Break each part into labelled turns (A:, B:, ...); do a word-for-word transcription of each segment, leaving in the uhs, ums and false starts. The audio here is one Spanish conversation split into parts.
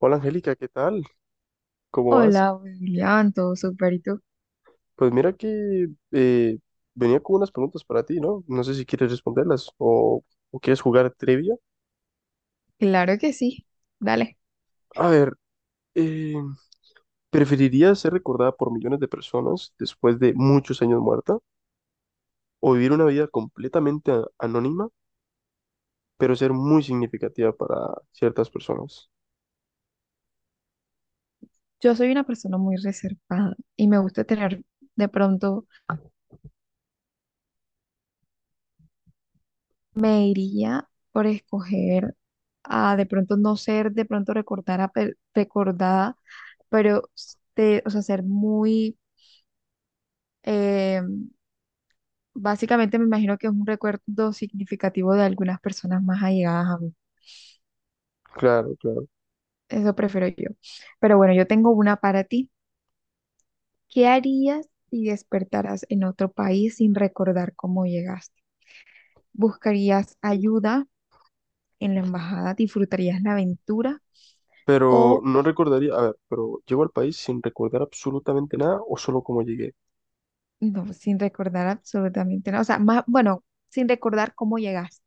A: Hola Angélica, ¿qué tal? ¿Cómo vas?
B: Hola, William, todo súper, ¿y tú?
A: Pues mira que eh, venía con unas preguntas para ti, ¿no? No sé si quieres responderlas o, o quieres jugar trivia.
B: Claro que sí, dale.
A: A ver, eh, ¿preferirías ser recordada por millones de personas después de muchos años muerta o vivir una vida completamente a- anónima, pero ser muy significativa para ciertas personas?
B: Yo soy una persona muy reservada y me gusta tener, de pronto, me iría por escoger a, de pronto, no ser, de pronto, recordada, recordada, pero, de- o sea, ser muy, eh, básicamente me imagino que es un recuerdo significativo de algunas personas más allegadas a mí.
A: Claro, claro.
B: Eso prefiero yo. Pero bueno, yo tengo una para ti. ¿Qué harías si despertaras en otro país sin recordar cómo llegaste? ¿Buscarías ayuda en la embajada? ¿Disfrutarías la aventura?
A: Pero
B: ¿O
A: no recordaría, a ver, pero llego al país sin recordar absolutamente nada o solo cómo llegué.
B: no, sin recordar absolutamente nada? O sea, más, bueno, sin recordar cómo llegaste.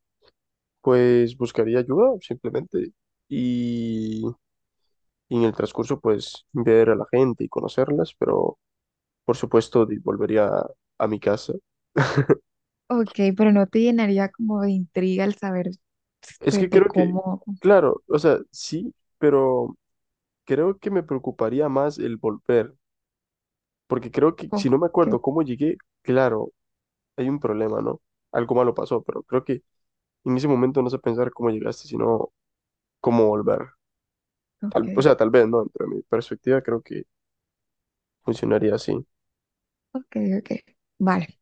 A: Pues buscaría ayuda simplemente y, y en el transcurso pues ver a la gente y conocerlas, pero por supuesto di- volvería a, a mi casa.
B: Ok, pero no te llenaría como de intriga el saber
A: Es que
B: pues, de
A: creo que,
B: cómo.
A: claro, o sea, sí, pero creo que me preocuparía más el volver, porque creo que
B: Ok,
A: si no me acuerdo cómo llegué, claro, hay un problema, ¿no? Algo malo pasó, pero creo que en ese momento no sé pensar cómo llegaste, sino cómo volver.
B: ok,
A: Tal- o sea, tal vez, ¿no? Dentro de mi perspectiva creo que funcionaría así.
B: ok, ok. Vale.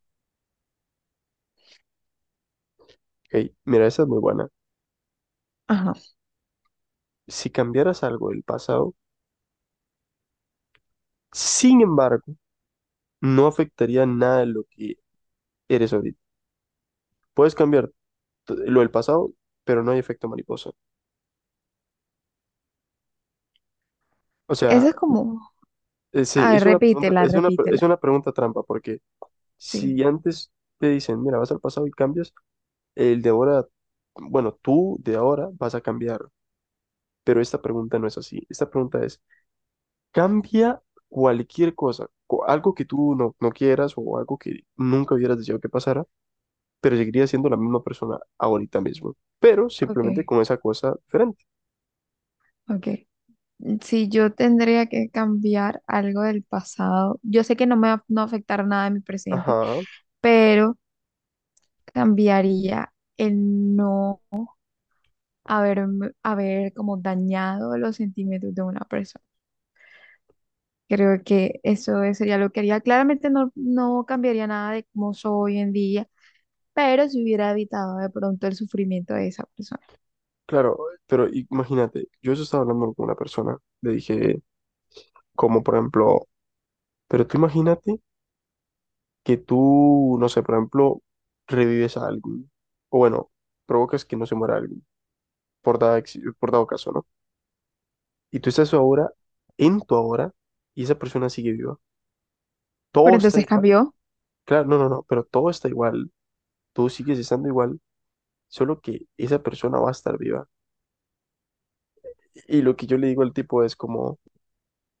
A: Hey, mira, esa es muy buena.
B: Ajá.
A: Si cambiaras algo del pasado, sin embargo, no afectaría nada de lo que eres ahorita. Puedes cambiar t- lo del pasado, pero no hay efecto mariposa. O sea,
B: Eso es como.
A: es,
B: A ver,
A: es una pregunta,
B: repítela,
A: es una, pre-
B: repítela.
A: es una pregunta trampa, porque
B: Sí,
A: si antes te dicen, mira, vas al pasado y cambias, el de ahora, bueno, tú de ahora vas a cambiar, pero esta pregunta no es así. Esta pregunta es, cambia cualquier cosa, co- algo que tú no, no quieras o algo que nunca hubieras deseado que pasara, pero seguiría siendo la misma persona ahorita mismo, pero
B: ok,
A: simplemente con esa cosa diferente.
B: ok. Si yo tendría que cambiar algo del pasado, yo sé que no me va a no va a afectar nada en mi presente,
A: Ajá,
B: pero cambiaría el no haber, haber como dañado los sentimientos de una persona. Creo que eso es- sería lo que haría. Claramente no, no cambiaría nada de cómo soy hoy en día, pero si hubiera evitado de pronto el sufrimiento de esa persona.
A: claro, pero imagínate, yo eso estaba hablando con una persona, le dije, como por ejemplo, pero tú imagínate que tú, no sé, por ejemplo, revives a alguien, o bueno, provocas que no se muera alguien, por dado, ex- por dado caso, ¿no? Y tú estás ahora, en tu ahora, y esa persona sigue viva.
B: Pero
A: Todo está
B: entonces
A: igual,
B: cambió,
A: claro, no, no, no, pero todo está igual, tú sigues estando igual, solo que esa persona va a estar viva. Y lo que yo le digo al tipo es como,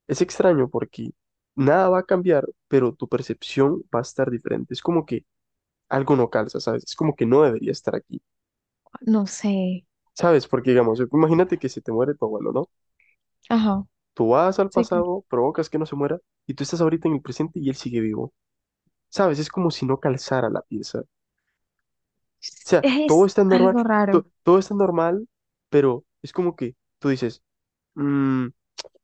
A: es extraño porque nada va a cambiar, pero tu percepción va a estar diferente. Es como que algo no calza, ¿sabes? Es como que no debería estar aquí,
B: no sé.
A: ¿sabes? Porque digamos, imagínate que se te muere tu abuelo, ¿no?
B: Ajá,
A: Tú vas al
B: sí, claro.
A: pasado, provocas que no se muera y tú estás ahorita en el presente y él sigue vivo, ¿sabes? Es como si no calzara la pieza. O sea, todo
B: Es
A: está normal,
B: algo raro,
A: to- todo está normal, pero es como que tú dices, "Mm,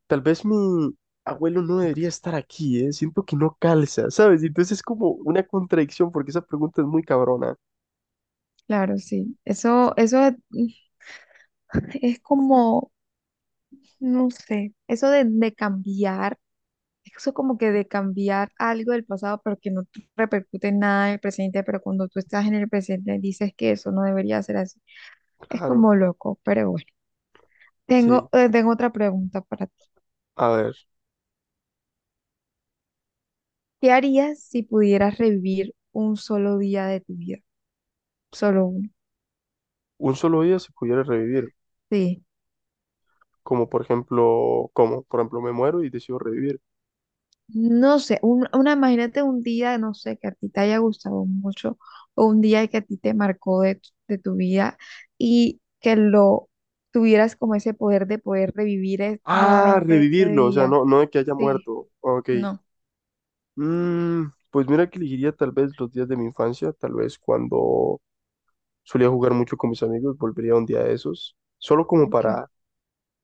A: tal vez mi abuelo no debería estar aquí, ¿eh? Siento que no calza, ¿sabes?" Y entonces es como una contradicción porque esa pregunta es muy cabrona.
B: claro, sí. Eso, eso es como, no sé, eso de, de cambiar, eso como que de cambiar algo del pasado, pero que no te repercute en nada en el presente, pero cuando tú estás en el presente dices que eso no debería ser así. Es
A: Claro,
B: como loco, pero bueno. Tengo,
A: sí.
B: eh, tengo otra pregunta para ti.
A: A ver,
B: ¿Qué harías si pudieras revivir un solo día de tu vida? Solo uno.
A: un solo día se pudiera revivir.
B: Sí.
A: Como por ejemplo, ¿cómo? Por ejemplo, me muero y decido revivir.
B: No sé, un- una, imagínate un día, no sé, que a ti te haya gustado mucho, o un día que a ti te marcó de, tu- de tu vida y que lo tuvieras como ese poder de poder revivir es-
A: Ah,
B: nuevamente ese
A: revivirlo, o sea,
B: día.
A: no, no de que haya
B: Sí,
A: muerto. Ok.
B: no,
A: Mm, pues mira que elegiría tal vez los días de mi infancia, tal vez cuando solía jugar mucho con mis amigos, volvería un día de esos, solo como
B: ok.
A: para...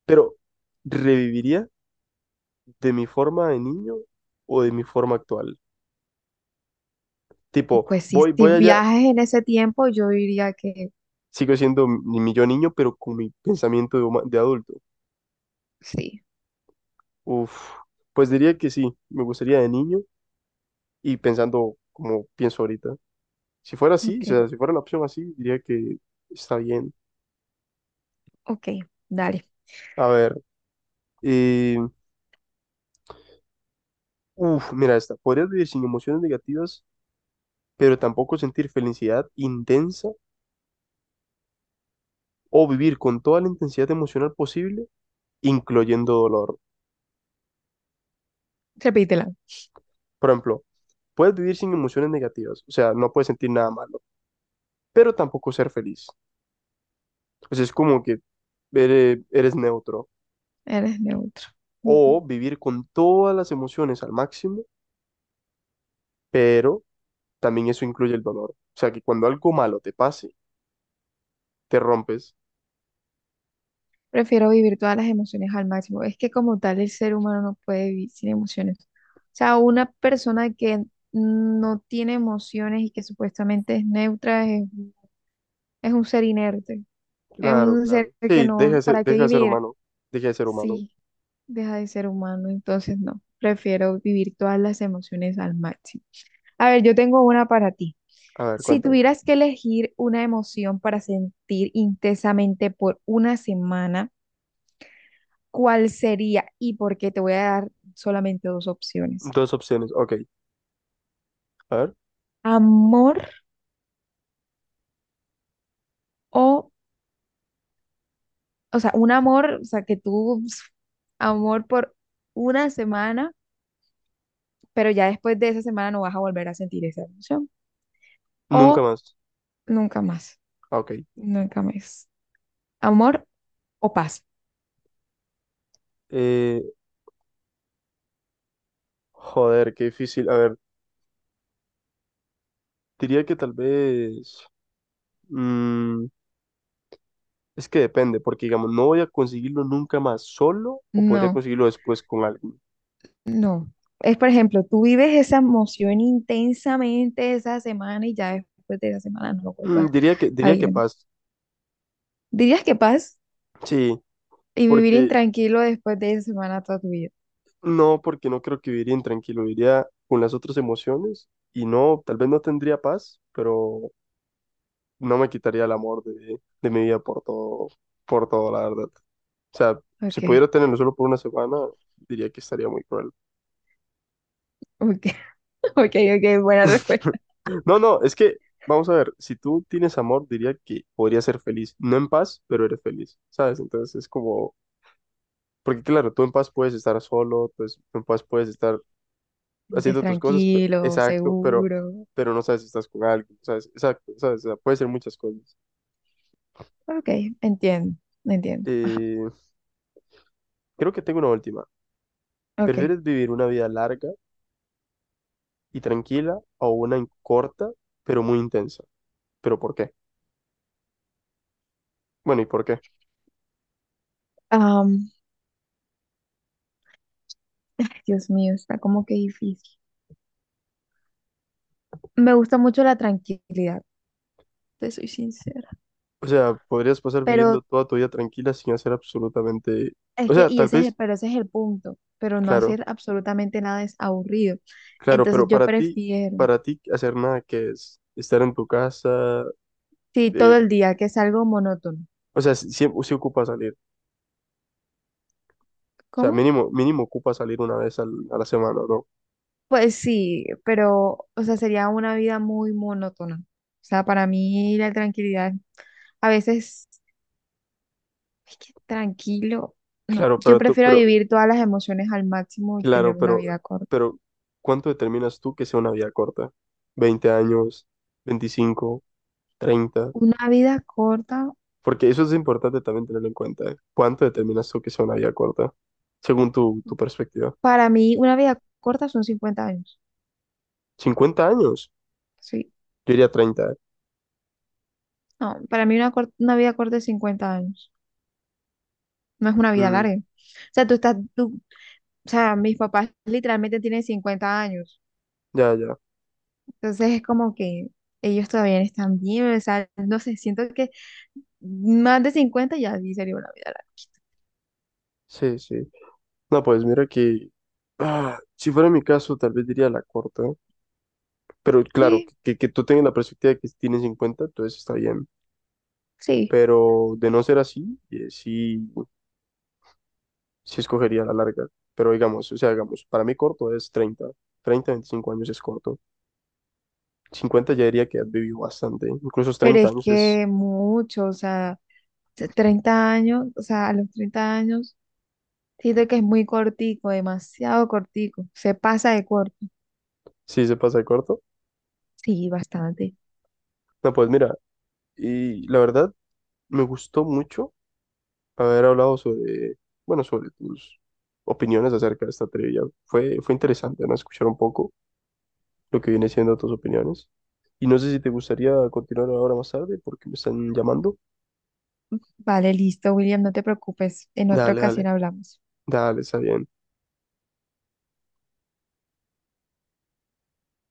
A: Pero, ¿reviviría de mi forma de niño o de mi forma actual? Tipo,
B: Pues sí,
A: voy,
B: si
A: voy allá,
B: viajes en ese tiempo, yo diría que
A: sigo siendo mi, mi yo niño, pero con mi pensamiento de, huma- de adulto.
B: sí.
A: Uf, pues diría que sí, me gustaría de niño y pensando como pienso ahorita. Si fuera así, o
B: Ok,
A: sea, si fuera la opción así, diría que está bien.
B: ok, dale,
A: A ver, eh, uf, mira esta. Podrías vivir sin emociones negativas, pero tampoco sentir felicidad intensa o vivir con toda la intensidad emocional posible, incluyendo dolor.
B: repítela.
A: Por ejemplo, puedes vivir sin emociones negativas, o sea, no puedes sentir nada malo, pero tampoco ser feliz. O sea, es como que eres, eres neutro.
B: Eres neutro.
A: O
B: Ujú.
A: vivir con todas las emociones al máximo, pero también eso incluye el dolor. O sea, que cuando algo malo te pase, te rompes.
B: Prefiero vivir todas las emociones al máximo. Es que como tal el ser humano no puede vivir sin emociones. O sea, una persona que no tiene emociones y que supuestamente es neutra es, es un ser inerte. Es
A: Claro,
B: un
A: claro.
B: ser que
A: Sí, deja
B: no,
A: de ser,
B: ¿para qué
A: deja de ser
B: vivir?
A: humano. Deja de ser humano.
B: Sí, deja de ser humano. Entonces no, prefiero vivir todas las emociones al máximo. A ver, yo tengo una para ti.
A: A ver,
B: Si
A: cuéntame.
B: tuvieras que elegir una emoción para sentir intensamente por una semana, ¿cuál sería y por qué? Te voy a dar solamente dos opciones.
A: Dos opciones. Ok. A ver.
B: Amor o, o sea, un amor, o sea, que tú, pf, amor por una semana, pero ya después de esa semana no vas a volver a sentir esa emoción.
A: Nunca
B: O
A: más.
B: nunca más,
A: Ah, ok.
B: nunca más. Amor o paz.
A: Eh, joder, qué difícil. A ver, diría que tal vez... mm, es que depende, porque digamos, no voy a conseguirlo nunca más solo o podría
B: No,
A: conseguirlo después con alguien.
B: no. Es, por ejemplo, tú vives esa emoción intensamente esa semana y ya después de esa semana no lo
A: Mm,
B: vuelvas
A: diría que,
B: a
A: diría que
B: ir más.
A: paz.
B: ¿Dirías que paz?
A: Sí,
B: Y vivir
A: porque
B: intranquilo después de esa semana toda tu vida.
A: no, porque no creo que viviría intranquilo, viviría con las otras emociones y no, tal vez no tendría paz, pero no me quitaría el amor de, de mi vida por todo, por todo, la verdad. O sea, si
B: Ok,
A: pudiera tenerlo solo por una semana, diría que estaría muy cruel.
B: ok, ok, ok, buena respuesta.
A: No, no, es que, vamos a ver, si tú tienes amor, diría que podrías ser feliz. No en paz, pero eres feliz, ¿sabes? Entonces es como, porque claro, tú en paz puedes estar solo, pues tú en paz puedes estar
B: Vives
A: haciendo tus cosas, pe-
B: tranquilo,
A: exacto, pero,
B: seguro.
A: pero no sabes si estás con alguien, ¿sabes? Exacto, ¿sabes? O sea, puede ser muchas cosas.
B: Ok, entiendo, entiendo. Ajá,
A: Eh, creo que tengo una última.
B: ok.
A: ¿Prefieres vivir una vida larga y tranquila o una corta, pero muy intensa? ¿Pero por qué? Bueno, ¿y por qué?
B: Am, Dios mío, está como que difícil. Me gusta mucho la tranquilidad, te soy sincera.
A: O sea, podrías pasar
B: Pero
A: viviendo toda tu vida tranquila sin hacer absolutamente...
B: es
A: O
B: que,
A: sea,
B: y
A: tal
B: ese es el,
A: vez,
B: pero ese es el punto. Pero no
A: claro,
B: hacer absolutamente nada es aburrido.
A: claro,
B: Entonces
A: pero
B: yo
A: para ti,
B: prefiero,
A: para ti hacer nada que es estar en tu casa,
B: sí,
A: eh,
B: todo el día, que es algo monótono.
A: o sea, si, si, si ocupa salir, o sea,
B: ¿Cómo?
A: mínimo, mínimo ocupa salir una vez al- a la semana, ¿no?
B: Pues sí, pero, o sea, sería una vida muy monótona. O sea, para mí la tranquilidad, a veces, es que tranquilo, no,
A: Claro,
B: yo
A: pero tú,
B: prefiero
A: pero,
B: vivir todas las emociones al máximo y tener
A: claro,
B: una
A: pero,
B: vida corta.
A: pero, ¿cuánto determinas tú que sea una vida corta? ¿Veinte años? Veinticinco, treinta,
B: Una vida corta,
A: porque eso es importante también tenerlo en cuenta, ¿eh? ¿Cuánto determinas tú que sea una vida corta? Según tu, tu perspectiva.
B: para mí, una vida corta son cincuenta años.
A: Cincuenta años.
B: Sí,
A: Yo diría treinta, ¿eh?
B: no, para mí una, cor- una vida corta es cincuenta años. No es una vida
A: Mm,
B: larga. O sea, tú estás, tú, o sea, mis papás literalmente tienen cincuenta años.
A: ya, ya.
B: Entonces es como que ellos todavía no están bien, o sea, no sé, siento que más de cincuenta ya sí sería una vida larga.
A: Sí, sí. No, pues mira que... ah, si fuera mi caso, tal vez diría la corta. Pero claro,
B: Sí,
A: que, que tú tengas la perspectiva de que tienes cincuenta entonces está bien.
B: sí,
A: Pero de no ser así, eh, sí, sí escogería la larga. Pero digamos, o sea, digamos, para mí corto es treinta treinta veinticinco años es corto. Cincuenta ya diría que has vivido bastante. Incluso los
B: pero
A: treinta
B: es
A: años es,
B: que mucho, o sea, se- treinta años, o sea, a los treinta años, siento que es muy cortico, demasiado cortico, se pasa de corto.
A: sí se pasa de corto.
B: Sí, bastante.
A: No, pues mira, y la verdad me gustó mucho haber hablado sobre, bueno, sobre tus opiniones acerca de esta trivia. Fue, fue interesante, ¿no? Escuchar un poco lo que viene siendo tus opiniones. Y no sé si te gustaría continuar ahora más tarde porque me están llamando.
B: Vale, listo, William, no te preocupes, en otra
A: Dale, dale,
B: ocasión hablamos.
A: dale, está bien.